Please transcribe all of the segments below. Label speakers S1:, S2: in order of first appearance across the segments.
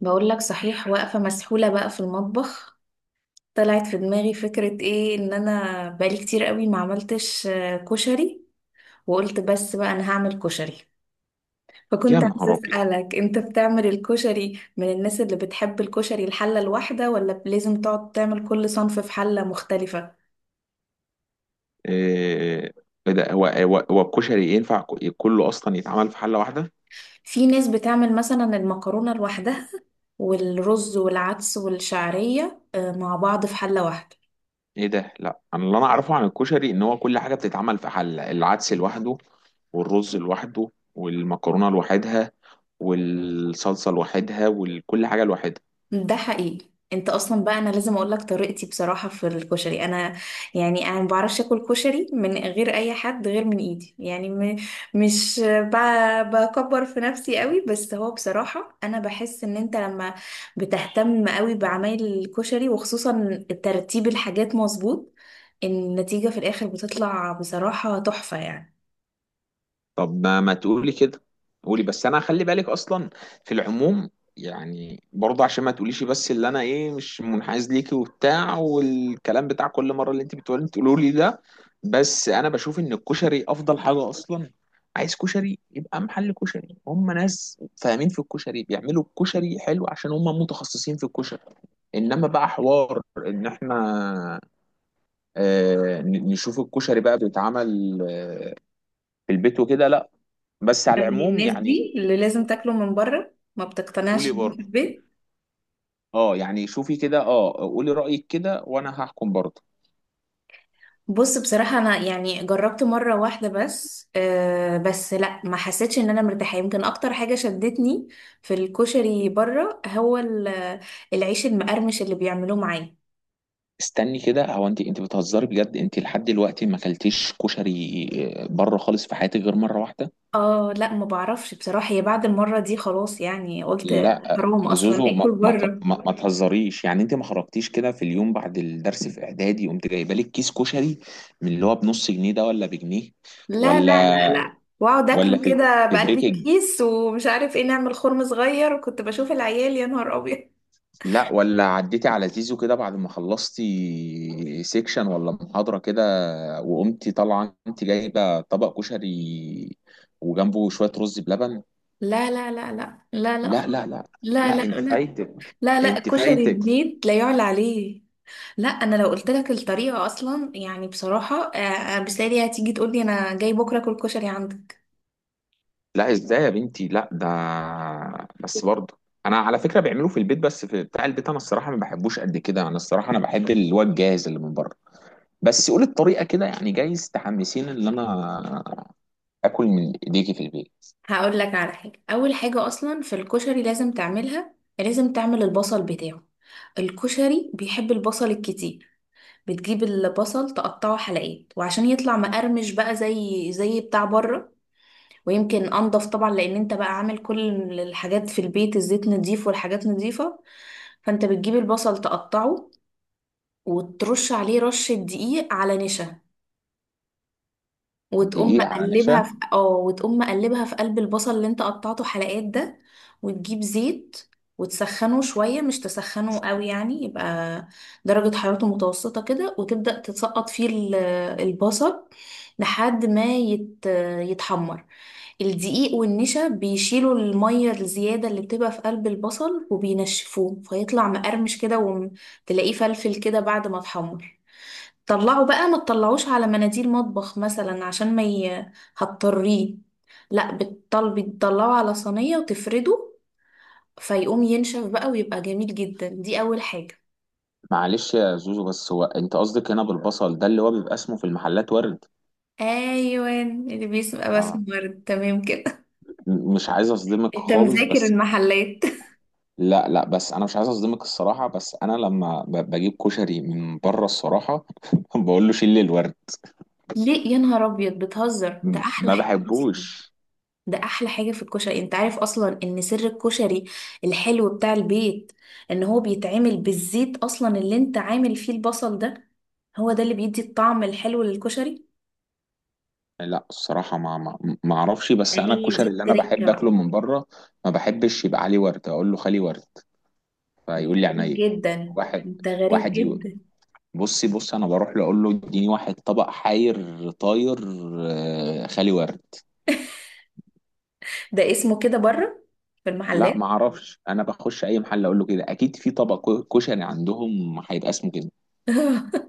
S1: بقول لك صحيح، واقفة مسحولة بقى في المطبخ. طلعت في دماغي فكرة، ايه ان انا بقالي كتير قوي ما عملتش كشري. وقلت بس بقى انا هعمل كشري.
S2: يا
S1: فكنت عايزة
S2: نهار ابيض!
S1: اسألك، انت بتعمل الكشري من الناس اللي بتحب الكشري الحلة الواحدة، ولا لازم تقعد تعمل كل صنف في حلة مختلفة؟
S2: إيه؟ إيه ده؟ هو الكشري ينفع كله اصلا يتعمل في حله واحده؟
S1: في ناس بتعمل مثلا المكرونة لوحدها، والرز والعدس والشعرية مع بعض في حلة واحدة.
S2: ايه ده؟ لا، انا اللي اعرفه عن الكشري ان هو كل حاجه بتتعمل في حله، العدس لوحده والرز لوحده والمكرونه لوحدها والصلصه لوحدها وكل حاجه لوحدها.
S1: ده حقيقي. انت اصلا بقى، انا لازم اقول لك طريقتي بصراحه في الكشري. انا يعني انا ما بعرفش اكل كشري من غير اي حد غير من ايدي، يعني مش بكبر في نفسي قوي، بس هو بصراحه انا بحس ان انت لما بتهتم قوي بعمايل الكشري، وخصوصا ترتيب الحاجات مظبوط، النتيجه في الاخر بتطلع بصراحه تحفه يعني.
S2: طب ما تقولي كده، قولي بس، انا خلي بالك اصلا في العموم، يعني برضه عشان ما تقوليش بس اللي انا ايه مش منحاز ليكي وبتاع والكلام بتاع كل مره اللي انت بتقولي تقولوا لي ده. بس انا بشوف ان الكشري افضل حاجه اصلا، عايز كشري يبقى محل كشري، هم ناس فاهمين في الكشري، بيعملوا الكشري حلو عشان هم متخصصين في الكشري. انما بقى حوار ان احنا نشوف الكشري بقى بيتعمل في البيت وكده، لا. بس
S1: من
S2: على العموم
S1: الناس
S2: يعني.
S1: دي اللي لازم تاكله من بره، ما بتقتنعش
S2: قولي
S1: بيه في
S2: برضه.
S1: البيت.
S2: اه يعني شوفي كده، اه قولي رأيك كده وانا هحكم برضه.
S1: بص، بصراحة أنا يعني جربت مرة واحدة بس، أه بس لأ، ما حسيتش إن أنا مرتاحة. يمكن أكتر حاجة شدتني في الكشري بره هو العيش المقرمش اللي بيعملوه معاه.
S2: استني كده، هو انت بتهزري بجد؟ انت لحد دلوقتي ما اكلتيش كشري بره خالص في حياتك غير مرة واحدة؟
S1: اه لأ، ما بعرفش بصراحة، هي بعد المرة دي خلاص يعني قلت
S2: لا
S1: حرام أصلا
S2: زوزو،
S1: آكل
S2: ما ما ت-
S1: بره.
S2: ما, ما تهزريش، يعني انت ما خرجتيش كده في اليوم بعد الدرس في اعدادي قمت جايبه لك كيس كشري من اللي هو بنص جنيه ده ولا بجنيه؟
S1: لا لا لا
S2: ولا
S1: لا، واقعد اكله
S2: ولا في
S1: كده
S2: في
S1: بقلب
S2: بريك؟
S1: الكيس ومش عارف ايه، نعمل خرم صغير، وكنت بشوف العيال، يا نهار ابيض.
S2: لا ولا عديتي على زيزو كده بعد ما خلصتي سيكشن ولا محاضرة كده وقمتي طالعة انت جايبة طبق كشري وجنبه شوية رز بلبن؟
S1: لا لا لا لا لا لا
S2: لا
S1: خالص.
S2: لا لا
S1: لا
S2: لا،
S1: لا
S2: انت
S1: لا.
S2: فايتك.
S1: لا لا
S2: انت
S1: كشري
S2: فايتك.
S1: البيت لا يعلى عليه. لا، انا لو قلت لك الطريقه اصلا يعني بصراحه، بسالي هتيجي تقول لي انا جاي بكره اكل كشري عندك.
S2: لا ازاي يا بنتي؟ لا ده بس برضه، انا على فكرة بعمله في البيت بس في بتاع البيت انا الصراحة ما بحبوش قد كده، انا الصراحة انا بحب اللي هو الجاهز اللي من بره. بس قولي الطريقة كده، يعني جايز تحمسيني ان انا اكل من ايديكي في البيت.
S1: هقول لك على حاجه، اول حاجه اصلا في الكشري لازم تعملها، لازم تعمل البصل بتاعه. الكشري بيحب البصل الكتير. بتجيب البصل، تقطعه حلقات، وعشان يطلع مقرمش بقى زي بتاع بره، ويمكن انضف طبعا لان انت بقى عامل كل الحاجات في البيت، الزيت نضيف والحاجات نضيفه. فانت بتجيب البصل تقطعه، وترش عليه رشة دقيق على نشا،
S2: دقيقة على نشا؟
S1: وتقوم مقلبها في قلب البصل اللي انت قطعته حلقات ده. وتجيب زيت وتسخنه شوية، مش تسخنه قوي يعني، يبقى درجة حرارته متوسطة كده، وتبدأ تسقط فيه البصل لحد ما يتحمر. الدقيق والنشا بيشيلوا المية الزيادة اللي بتبقى في قلب البصل وبينشفوه، فيطلع مقرمش كده وتلاقيه فلفل كده بعد ما اتحمر. طلعه بقى، ما تطلعوش على مناديل مطبخ مثلا عشان ما ي... هتطريه، لا، بالطل بتطلعه على صينية وتفرده فيقوم ينشف بقى ويبقى جميل جدا. دي أول حاجة.
S2: معلش يا زوزو بس هو انت قصدك هنا بالبصل ده اللي هو بيبقى اسمه في المحلات ورد؟
S1: ايوه، اللي بيسمع
S2: اه.
S1: بسمر، تمام كده.
S2: مش عايز اصدمك
S1: انت
S2: خالص
S1: مذاكر
S2: بس.
S1: المحلات.
S2: لا لا، بس انا مش عايز اصدمك الصراحه، بس انا لما بجيب كشري من بره الصراحه بقول له شيل لي الورد.
S1: ليه، يا نهار ابيض بتهزر، ده احلى
S2: ما
S1: حاجة اصلا.
S2: بحبوش.
S1: ده احلى حاجه في الكشري. انت عارف اصلا ان سر الكشري الحلو بتاع البيت ان هو بيتعمل بالزيت اصلا اللي انت عامل فيه البصل ده. هو ده اللي بيدي الطعم الحلو للكشري.
S2: لا الصراحه، ما اعرفش، بس انا
S1: فهي دي
S2: الكشري اللي انا
S1: التركه
S2: بحب اكله
S1: بقى.
S2: من بره ما بحبش يبقى عليه ورد، اقول له خلي ورد، فيقول لي
S1: غريب
S2: عينيا.
S1: جدا.
S2: واحد،
S1: انت غريب
S2: واحد يو-
S1: جدا.
S2: بصي بصي، انا بروح له اقول له اديني واحد طبق حاير طاير خالي ورد.
S1: ده اسمه كده بره في
S2: لا
S1: المحلات.
S2: ما اعرفش، انا بخش اي محل اقول له كده، اكيد في طبق كشري عندهم هيبقى اسمه كده.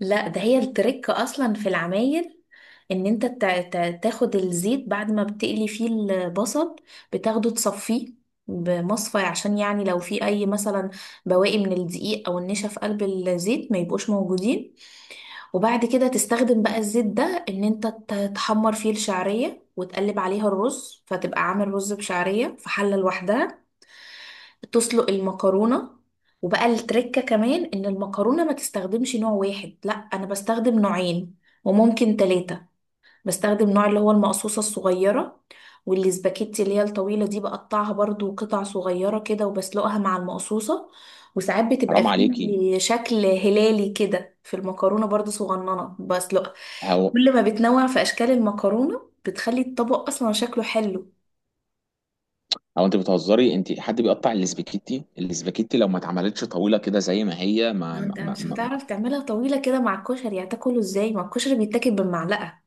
S1: لا، ده هي الترك اصلا في العمايل، ان انت تاخد الزيت بعد ما بتقلي فيه البصل، بتاخده تصفيه بمصفى عشان يعني لو في اي مثلا بواقي من الدقيق او النشا في قلب الزيت ما يبقوش موجودين. وبعد كده تستخدم بقى الزيت ده ان انت تحمر فيه الشعرية وتقلب عليها الرز، فتبقى عامل رز بشعرية في حلة لوحدها. تسلق المكرونة، وبقى التركة كمان ان المكرونة ما تستخدمش نوع واحد، لا، انا بستخدم نوعين، وممكن ثلاثة. بستخدم نوع اللي هو المقصوصة الصغيرة، والسباكيتي اللي هي الطويلة دي بقطعها برضو قطع صغيرة كده وبسلقها مع المقصوصة. وساعات بتبقى
S2: حرام عليكي!
S1: فيه شكل هلالي كده في المكرونة برضو صغننة بسلقها.
S2: هو
S1: كل ما بتنوع في أشكال المكرونة بتخلي الطبق أصلا شكله حلو.
S2: هو انت بتهزري؟ انت حد بيقطع الاسباجيتي؟ الاسباجيتي لو ما اتعملتش طويله كده زي ما هي ما,
S1: ما
S2: ما,
S1: انت
S2: ما,
S1: مش
S2: ما
S1: هتعرف تعملها طويلة كده مع الكشري، هتاكله ازاي؟ ما الكشري بيتاكل بالمعلقة،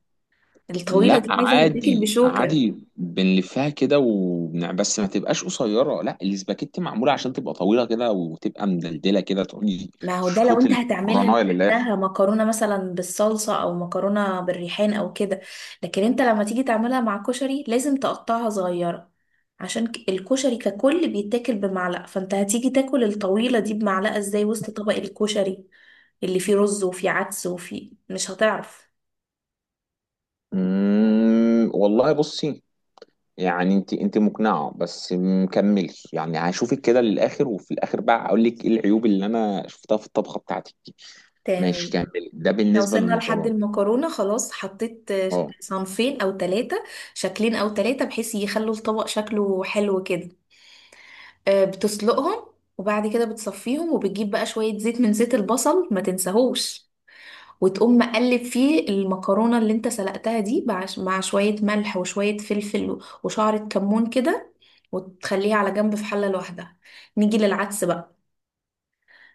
S1: الطويلة
S2: لا
S1: دي عايزة تتاكل
S2: عادي
S1: بشوكة.
S2: عادي بنلفها كده وبنع بس ما تبقاش قصيره، لا الاسباجيتي معموله عشان تبقى طويله كده وتبقى مدلدله كده تقولي
S1: ما هو ده لو
S2: تشفط
S1: انت هتعملها
S2: المكرونه للاخر.
S1: لوحدها، مكرونة مثلا بالصلصة او مكرونة بالريحان او كده، لكن انت لما تيجي تعملها مع كشري لازم تقطعها صغيرة، عشان الكشري ككل بيتاكل بمعلقة، فانت هتيجي تاكل الطويلة دي بمعلقة ازاي وسط طبق الكشري اللي فيه رز وفيه عدس وفيه مش هتعرف.
S2: والله بصي، يعني انت مقنعه بس مكملش، يعني هشوفك كده للاخر وفي الاخر بقى اقول لك ايه العيوب اللي انا شفتها في الطبخه بتاعتك دي. ماشي
S1: تمام.
S2: كملي، ده
S1: احنا
S2: بالنسبه
S1: وصلنا لحد
S2: للمكرونه.
S1: المكرونة خلاص، حطيت
S2: اه
S1: صنفين او ثلاثة، شكلين او ثلاثة بحيث يخلوا الطبق شكله حلو كده. بتسلقهم، وبعد كده بتصفيهم وبتجيب بقى شوية زيت من زيت البصل، ما تنساهوش، وتقوم مقلب فيه المكرونة اللي انت سلقتها دي مع شوية ملح وشوية فلفل وشعرة كمون كده، وتخليها على جنب في حلة لوحدها. نيجي للعدس بقى.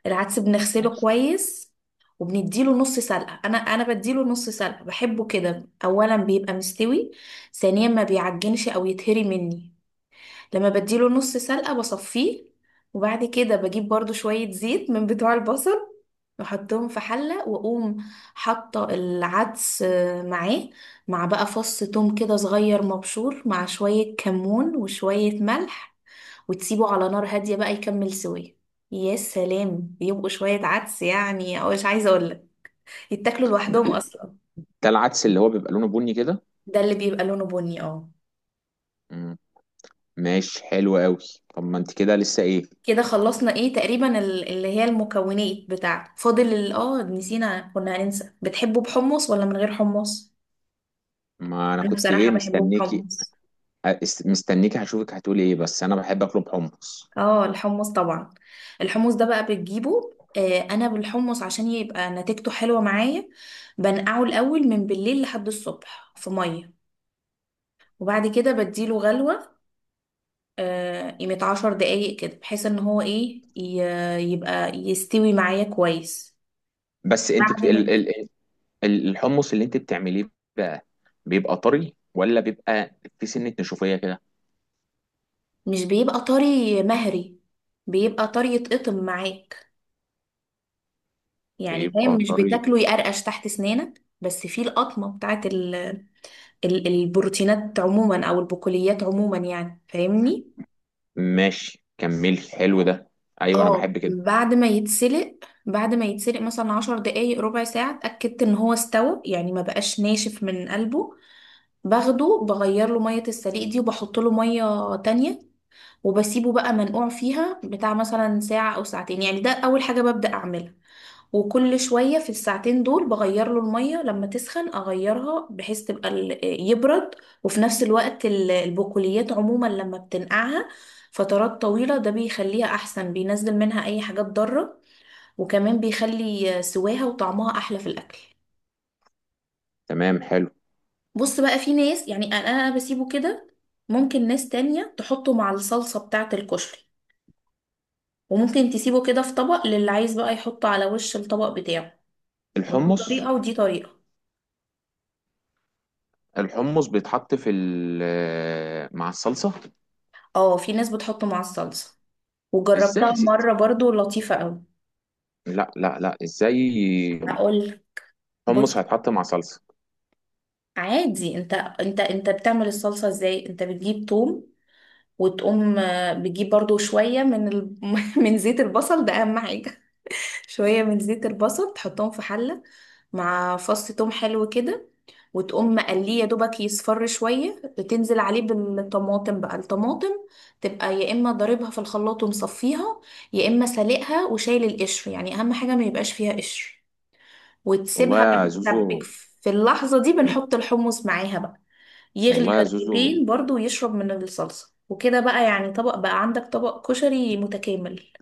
S1: العدس بنغسله
S2: ماشي.
S1: كويس، وبنديله نص سلقة. انا بديله نص سلقة، بحبه كده، اولا بيبقى مستوي، ثانيا ما بيعجنش او يتهري مني. لما بديله نص سلقة بصفيه، وبعد كده بجيب برضو شوية زيت من بتوع البصل واحطهم في حلة، واقوم حاطة العدس معاه، مع بقى فص توم كده صغير مبشور، مع شوية كمون وشوية ملح، وتسيبه على نار هادية بقى يكمل سوية. يا سلام، يبقوا شوية عدس يعني، او مش عايزة اقولك، يتاكلوا لوحدهم اصلا.
S2: ده العدس اللي هو بيبقى لونه بني كده؟
S1: ده اللي بيبقى لونه بني، اه.
S2: مم. ماشي، حلو قوي. طب ما انت كده لسه ايه؟
S1: كده خلصنا ايه تقريبا اللي هي المكونات بتاعته. فاضل نسينا، كنا هننسى، بتحبه بحمص ولا من غير حمص؟
S2: ما انا
S1: انا
S2: كنت
S1: بصراحة
S2: ايه
S1: بحبه
S2: مستنيكي.
S1: بحمص.
S2: مستنيكي هشوفك هتقولي ايه، بس انا بحب اطلب حمص.
S1: اه، الحمص طبعا. الحمص ده بقى بتجيبه، انا بالحمص عشان يبقى نتيجته حلوة معايا، بنقعه الاول من بالليل لحد الصبح في مية، وبعد كده بديله غلوة، قيمة 10 دقايق كده بحيث ان هو ايه، يبقى يستوي معايا كويس.
S2: بس انت بت...
S1: بعد ما
S2: ال... ال... ال- الحمص اللي انت بتعمليه بقى بيبقى طري ولا بيبقى في سنة نشوفية كده؟
S1: مش بيبقى طري مهري، بيبقى طري يتقطم معاك، يعني فاهم،
S2: بيبقى
S1: مش
S2: طري.
S1: بتاكله يقرقش تحت سنانك، بس فيه القطمة بتاعت البروتينات عموما او البقوليات عموما، يعني فاهمني.
S2: ماشي كملي، حلو ده. ايوه انا
S1: اه،
S2: بحب كده.
S1: بعد ما يتسلق. بعد ما يتسلق مثلا 10 دقايق، ربع ساعة، اتأكدت ان هو استوى يعني ما بقاش ناشف من قلبه، باخده بغير له مية السليق دي وبحط له مية تانية، وبسيبه بقى منقوع فيها بتاع مثلا ساعة أو ساعتين يعني. ده أول حاجة ببدأ أعملها، وكل شوية في الساعتين دول بغير له المية، لما تسخن أغيرها بحيث تبقى يبرد. وفي نفس الوقت البقوليات عموما لما بتنقعها فترات طويلة ده بيخليها أحسن، بينزل منها أي حاجات ضارة، وكمان بيخلي سواها وطعمها أحلى في الأكل.
S2: تمام، حلو اه.
S1: بص بقى، في ناس يعني انا بسيبه كده، ممكن ناس تانية تحطه مع الصلصة بتاعة الكشري، وممكن تسيبه كده في طبق للي عايز بقى يحطه على وش الطبق بتاعه. دي
S2: الحمص،
S1: طريقة ودي طريقة.
S2: الحمص بيتحط في مع الصلصة؟
S1: اه، في ناس بتحطه مع الصلصة،
S2: ازاي
S1: وجربتها
S2: يا ستي؟
S1: مرة برضو لطيفة قوي.
S2: لا لا لا، ازاي
S1: هقول، بص،
S2: حمص هيتحط مع صلصة؟
S1: عادي. انت بتعمل الصلصة ازاي؟ انت بتجيب توم، وتقوم بتجيب برضو شوية من من زيت البصل، ده اهم حاجة. شوية من زيت البصل تحطهم في حلة مع فص توم حلو كده، وتقوم مقليه يا دوبك يصفر شوية، تنزل عليه بالطماطم بقى. الطماطم تبقى يا إما ضاربها في الخلاط ومصفيها، يا إما سالقها وشايل القشر، يعني أهم حاجة ما يبقاش فيها قشر،
S2: والله
S1: وتسيبها بقى
S2: يا
S1: تتسبك.
S2: زوزو.
S1: في اللحظة دي بنحط الحمص معاها بقى، يغلي
S2: والله يا زوزو،
S1: غلوتين برضو ويشرب من الصلصة، وكده بقى يعني طبق بقى، عندك طبق كشري متكامل.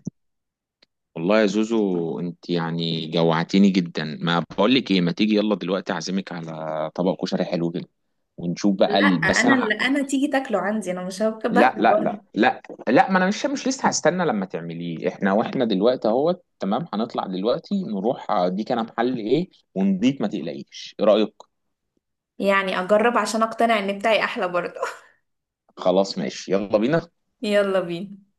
S2: والله يا زوزو، انت يعني جوعتيني جدا، ما بقول لك ايه، ما تيجي يلا دلوقتي اعزمك على طبق كشري حلو كده ونشوف بقى
S1: لا،
S2: ال... بس
S1: انا
S2: انا ه...
S1: اللي انا تيجي تاكله عندي، انا مش هبقى
S2: لا
S1: باكله
S2: لا
S1: بره.
S2: لا لا لا، ما انا مش لسه هستنى لما تعمليه، احنا واحنا دلوقتي اهوت تمام، هنطلع دلوقتي نروح اديك انا محل ايه ونضيف، ما تقلقيش، ايه رايك؟
S1: يعني اجرب عشان اقتنع ان بتاعي احلى برضه.
S2: خلاص ماشي، يلا بينا.
S1: يلا بينا.